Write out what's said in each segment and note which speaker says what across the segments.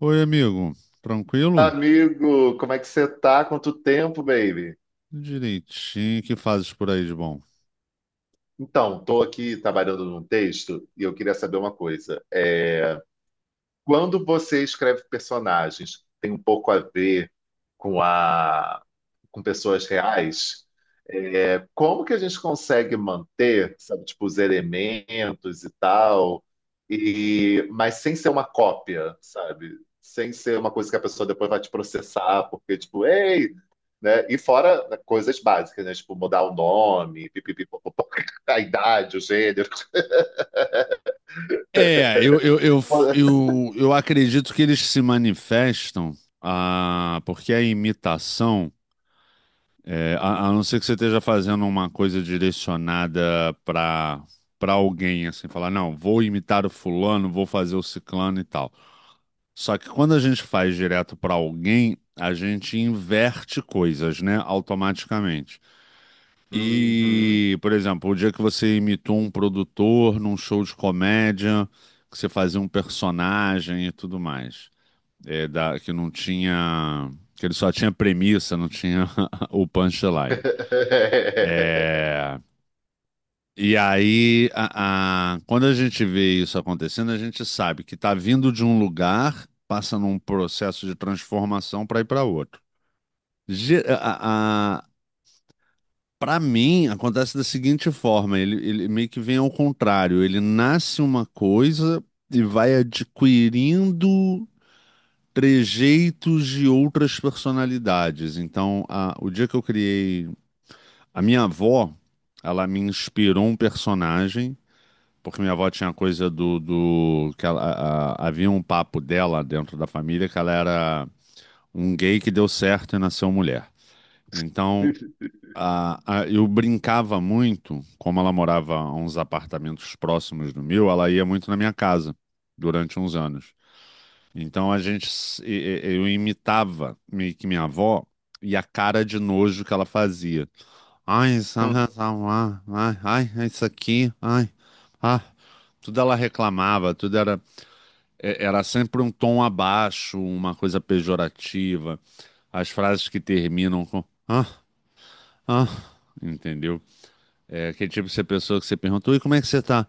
Speaker 1: Oi, amigo. Tranquilo?
Speaker 2: Amigo, como é que você tá? Quanto tempo, baby?
Speaker 1: Direitinho. O que fazes por aí de bom?
Speaker 2: Tô aqui trabalhando num texto e eu queria saber uma coisa. Quando você escreve personagens, tem um pouco a ver com a, com pessoas reais, como que a gente consegue manter, sabe, tipo, os elementos e tal, e mas sem ser uma cópia, sabe? Sem ser uma coisa que a pessoa depois vai te processar, porque, tipo, ei, né? E fora né, coisas básicas, né? Tipo, mudar o nome, pipipi, popopó, a idade, o gênero.
Speaker 1: É, eu, eu, eu, eu, eu acredito que eles se manifestam, ah, porque a imitação, a não ser que você esteja fazendo uma coisa direcionada para alguém, assim, falar, não, vou imitar o fulano, vou fazer o ciclano e tal. Só que quando a gente faz direto para alguém, a gente inverte coisas, né, automaticamente.
Speaker 2: Uhum.
Speaker 1: E, por exemplo, o dia que você imitou um produtor num show de comédia, que você fazia um personagem e tudo mais, que não tinha, que ele só tinha premissa, não tinha o punchline. É, e aí, quando a gente vê isso acontecendo, a gente sabe que está vindo de um lugar, passa num processo de transformação para ir para outro. Ge- A, Para mim, acontece da seguinte forma: ele meio que vem ao contrário. Ele nasce uma coisa e vai adquirindo trejeitos de outras personalidades. Então, o dia que eu criei. A minha avó, ela me inspirou um personagem, porque minha avó tinha a coisa do que ela, havia um papo dela dentro da família que ela era um gay que deu certo e nasceu mulher. Então. Eu brincava muito, como ela morava a uns apartamentos próximos do meu, ela ia muito na minha casa durante uns anos. Então a gente, eu imitava meio que minha avó e a cara de nojo que ela fazia. Ai, isso, ah,
Speaker 2: Hum,
Speaker 1: ah, ah, ai, ai, é isso aqui, ai, ah. Tudo ela reclamava, tudo era, era sempre um tom abaixo, uma coisa pejorativa. As frases que terminam com ah, ah, entendeu? É aquele tipo de pessoa que você perguntou, e como é que você tá?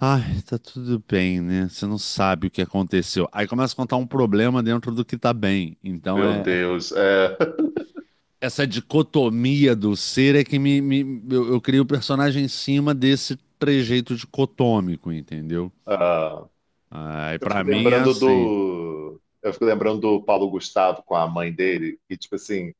Speaker 1: Ai, tá tudo bem, né? Você não sabe o que aconteceu. Aí começa a contar um problema dentro do que tá bem. Então
Speaker 2: meu
Speaker 1: é
Speaker 2: Deus. É.
Speaker 1: essa dicotomia do ser é que eu crio o personagem em cima desse trejeito dicotômico, entendeu?
Speaker 2: Ah.
Speaker 1: Aí pra mim é assim.
Speaker 2: Eu fico lembrando do Paulo Gustavo com a mãe dele, e tipo assim,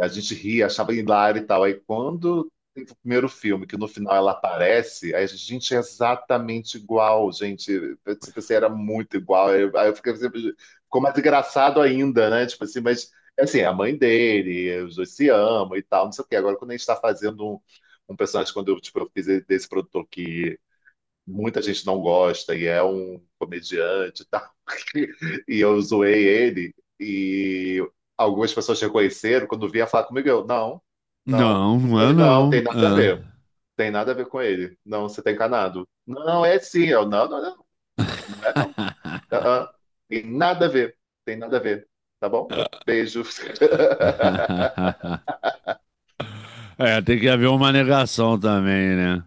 Speaker 2: a gente ria, achava hilário e tal. Aí quando tem o primeiro filme, que no final ela aparece, aí a gente, gente, é exatamente igual, gente. Eu, tipo assim, era muito igual. Aí eu fiquei sempre. Ficou mais engraçado ainda, né? Tipo assim, mas assim, é a mãe dele, os dois se amam e tal, não sei o quê. Agora, quando a gente está fazendo um, um personagem, quando eu, tipo, eu fiz desse produtor que muita gente não gosta e é um comediante e tal. E eu zoei ele e algumas pessoas reconheceram quando vinha falar comigo, eu, não, não,
Speaker 1: Não,
Speaker 2: não
Speaker 1: não é
Speaker 2: foi, não,
Speaker 1: não.
Speaker 2: tem nada a ver. Tem nada a ver com ele. Não, você tá encanado. Não, não, é sim. Eu, não,
Speaker 1: É,
Speaker 2: não é não. Ah, ah. Tem nada a ver. Tem nada a ver. Tá bom? Beijo.
Speaker 1: é, tem que haver uma negação também, né?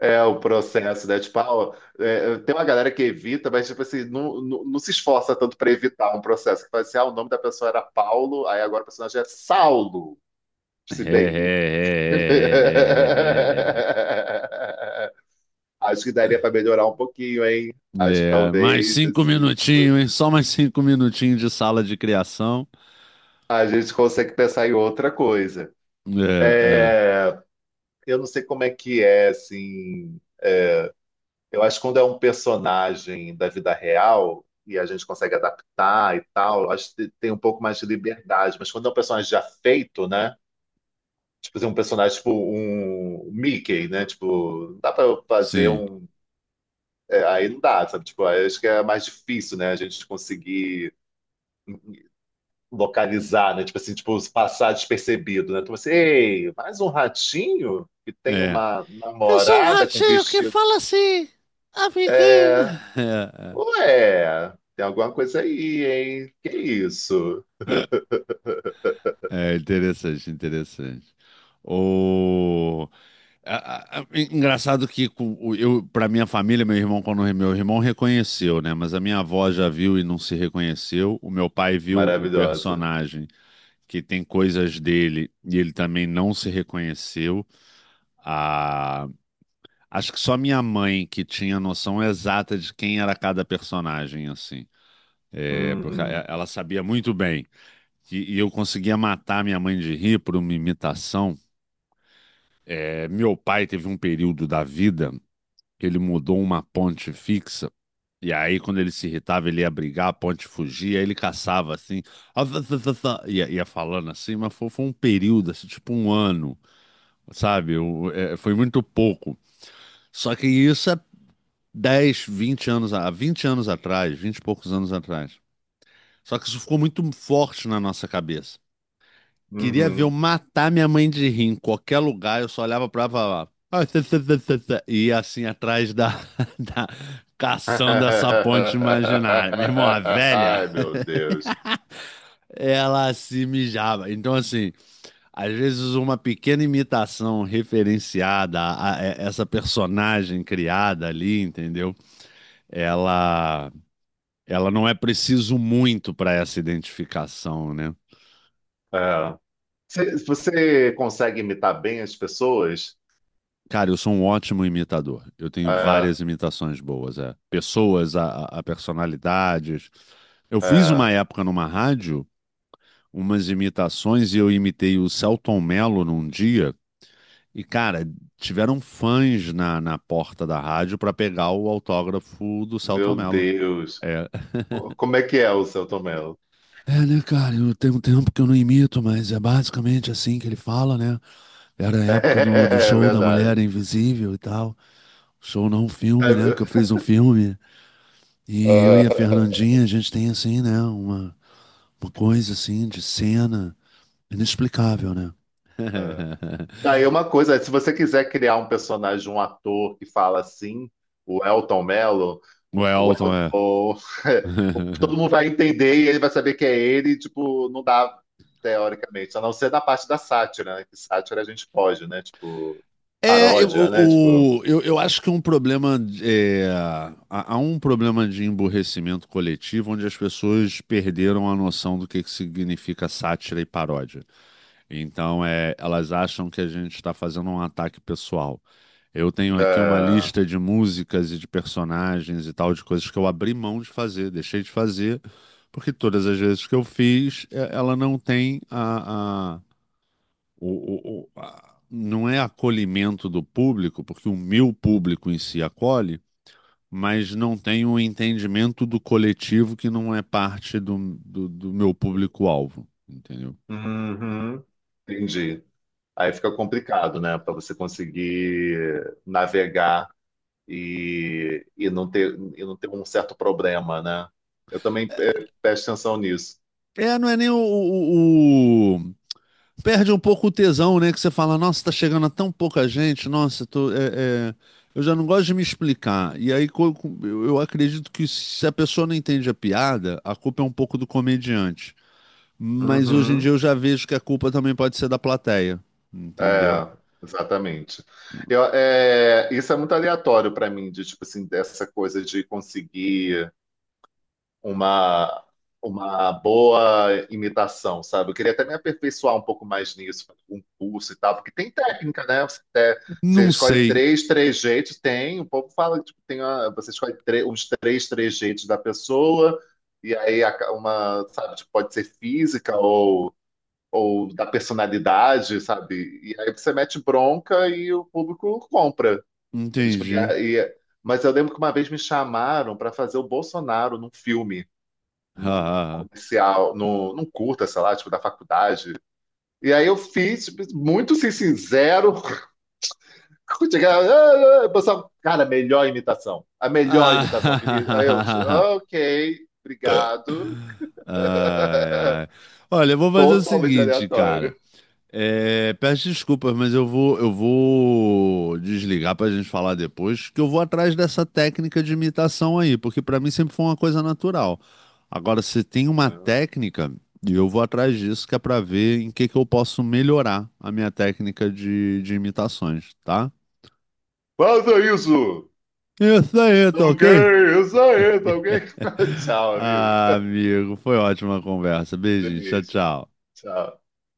Speaker 2: É o processo, né? Tipo, ah, ó, tem uma galera que evita, mas tipo assim, não se esforça tanto para evitar um processo. Que fala assim, ah, o nome da pessoa era Paulo, aí agora o personagem é Saulo,
Speaker 1: É,
Speaker 2: se
Speaker 1: é, é, é,
Speaker 2: baby.
Speaker 1: é, é, é. É, é, é.
Speaker 2: Acho que daria para melhorar um pouquinho, hein? Acho que
Speaker 1: É, mais
Speaker 2: talvez,
Speaker 1: 5
Speaker 2: assim, tipo,
Speaker 1: minutinhos, hein? Só mais 5 minutinhos de sala de criação.
Speaker 2: a gente consegue pensar em outra coisa.
Speaker 1: É,
Speaker 2: É,
Speaker 1: é,
Speaker 2: Eu não sei como é que é, assim. Eu acho que quando é um personagem da vida real e a gente consegue adaptar e tal, eu acho que tem um pouco mais de liberdade. Mas quando é um personagem já feito, né? Tipo, assim, um personagem tipo um Mickey, né? Tipo, não dá pra fazer
Speaker 1: sim,
Speaker 2: um. É, aí não dá, sabe? Tipo, aí eu acho que é mais difícil, né? A gente conseguir localizar, né? Tipo assim, tipo, passar despercebido, né? Então, assim, ei, mais um ratinho que tem
Speaker 1: é.
Speaker 2: uma
Speaker 1: Eu sou o
Speaker 2: namorada com
Speaker 1: ratinho que
Speaker 2: vestido.
Speaker 1: fala assim, amiguinho.
Speaker 2: É,
Speaker 1: É,
Speaker 2: ué, tem alguma coisa aí, hein? Que isso?
Speaker 1: é interessante, interessante. O... a- Engraçado que eu, para minha família, meu irmão, quando meu irmão reconheceu, né? Mas a minha avó já viu e não se reconheceu. O meu pai viu o
Speaker 2: Maravilhosa.
Speaker 1: personagem que tem coisas dele e ele também não se reconheceu. Ah, acho que só minha mãe que tinha noção exata de quem era cada personagem, assim. É, porque
Speaker 2: Uhum,
Speaker 1: ela sabia muito bem. E eu conseguia matar minha mãe de rir por uma imitação. É, meu pai teve um período da vida que ele mudou uma ponte fixa. E aí, quando ele se irritava, ele ia brigar, a ponte fugia, aí ele caçava assim, "Ah, tá, tá, tá, tá", ia falando assim, mas foi um período, assim, tipo um ano, sabe? É, foi muito pouco. Só que isso é 10 20 anos, há 20 anos atrás, 20 e poucos anos atrás. Só que isso ficou muito forte na nossa cabeça. Queria ver eu
Speaker 2: uhum.
Speaker 1: matar minha mãe de rir em qualquer lugar, eu só olhava pra lá. "Ah, tê, tê, tê, tê, tê", e ia assim atrás da, da caçando essa ponte imaginária. Meu irmão, a velha,
Speaker 2: Ai, meu Deus.
Speaker 1: ela se mijava. Então, assim, às vezes uma pequena imitação referenciada a essa personagem criada ali, entendeu? Ela, ela não é preciso muito para essa identificação, né?
Speaker 2: É. Você consegue imitar bem as pessoas?
Speaker 1: Cara, eu sou um ótimo imitador. Eu tenho
Speaker 2: É,
Speaker 1: várias imitações boas, é. Pessoas, a personalidades. Eu fiz
Speaker 2: é.
Speaker 1: uma época numa rádio umas imitações e eu imitei o Celton Mello num dia. E, cara, tiveram fãs na porta da rádio pra pegar o autógrafo do Celton
Speaker 2: Meu
Speaker 1: Mello.
Speaker 2: Deus.
Speaker 1: É,
Speaker 2: Como é que é o seu Tomelo?
Speaker 1: é, né, cara, eu tenho um tempo que eu não imito, mas é basicamente assim que ele fala, né? Era a época do
Speaker 2: É,
Speaker 1: show da Mulher
Speaker 2: verdade.
Speaker 1: Invisível e tal. Show não, um filme, né? Que eu
Speaker 2: É.
Speaker 1: fiz um filme. E eu e a Fernandinha, a gente tem assim, né? Uma coisa assim de cena inexplicável, né?
Speaker 2: É. Aí uma coisa, se você quiser criar um personagem, um ator que fala assim, o Elton Mello,
Speaker 1: O
Speaker 2: O,
Speaker 1: Elton,
Speaker 2: El-
Speaker 1: é.
Speaker 2: o, todo mundo vai entender e ele vai saber que é ele, e, tipo, não dá, teoricamente, a não ser na parte da sátira, né? Que sátira a gente pode, né? Tipo,
Speaker 1: É, eu,
Speaker 2: paródia, né? Tipo,
Speaker 1: o- eu acho que um problema é, há um problema de emburrecimento coletivo onde as pessoas perderam a noção do que significa sátira e paródia. Então, elas acham que a gente está fazendo um ataque pessoal. Eu tenho aqui uma
Speaker 2: ah,
Speaker 1: lista de músicas e de personagens e tal, de coisas que eu abri mão de fazer, deixei de fazer, porque todas as vezes que eu fiz, ela não tem a- não é acolhimento do público, porque o meu público em si acolhe, mas não tem o entendimento do coletivo que não é parte do, do meu público-alvo, entendeu?
Speaker 2: uhum, entendi. Aí fica complicado, né? Para você conseguir navegar e, não ter, e não ter um certo problema, né? Eu também presto atenção nisso.
Speaker 1: É, não é nem o. Perde um pouco o tesão, né? Que você fala, nossa, tá chegando a tão pouca gente, nossa, eu tô, é, eu já não gosto de me explicar. E aí eu acredito que se a pessoa não entende a piada, a culpa é um pouco do comediante. Mas hoje em dia
Speaker 2: Uhum.
Speaker 1: eu já vejo que a culpa também pode ser da plateia, entendeu?
Speaker 2: É, exatamente. Eu, é, isso é muito aleatório para mim, de tipo assim, dessa coisa de conseguir uma, uma boa imitação, sabe? Eu queria até me aperfeiçoar um pouco mais nisso, fazer um curso e tal, porque tem técnica, né? Você
Speaker 1: Não
Speaker 2: escolhe
Speaker 1: sei,
Speaker 2: três jeitos, tem, o povo fala, tipo, você escolhe três jeitos da pessoa, uma, sabe, tipo, pode ser física ou da personalidade, sabe? E aí você mete bronca e o público compra. Sabe?
Speaker 1: entendi.
Speaker 2: Mas eu lembro que uma vez me chamaram para fazer o Bolsonaro num filme, num comercial, num, num curta, sei lá, tipo, da faculdade. E aí eu fiz, tipo, muito assim, sincero. Chegava, "Ah, ah", o pessoal, cara, a melhor imitação. A melhor imitação,
Speaker 1: Ah,
Speaker 2: Vinícius. Aí eu, ok, obrigado.
Speaker 1: ai, ai. Olha, eu vou fazer o
Speaker 2: Totalmente
Speaker 1: seguinte, cara.
Speaker 2: aleatório.
Speaker 1: Peço desculpas, mas eu vou, desligar pra gente falar depois, que eu vou atrás dessa técnica de imitação aí, porque pra mim sempre foi uma coisa natural. Agora, você tem uma
Speaker 2: É.
Speaker 1: técnica, e eu vou atrás disso, que é pra ver em que eu posso melhorar a minha técnica de imitações, tá?
Speaker 2: Faça isso!
Speaker 1: Isso aí,
Speaker 2: Tá
Speaker 1: tá
Speaker 2: ok,
Speaker 1: ok?
Speaker 2: isso aí, tá ok? Tchau, amigo.
Speaker 1: Ah, amigo, foi ótima a conversa. Beijinho, tchau,
Speaker 2: Beijo.
Speaker 1: tchau.
Speaker 2: Tchau.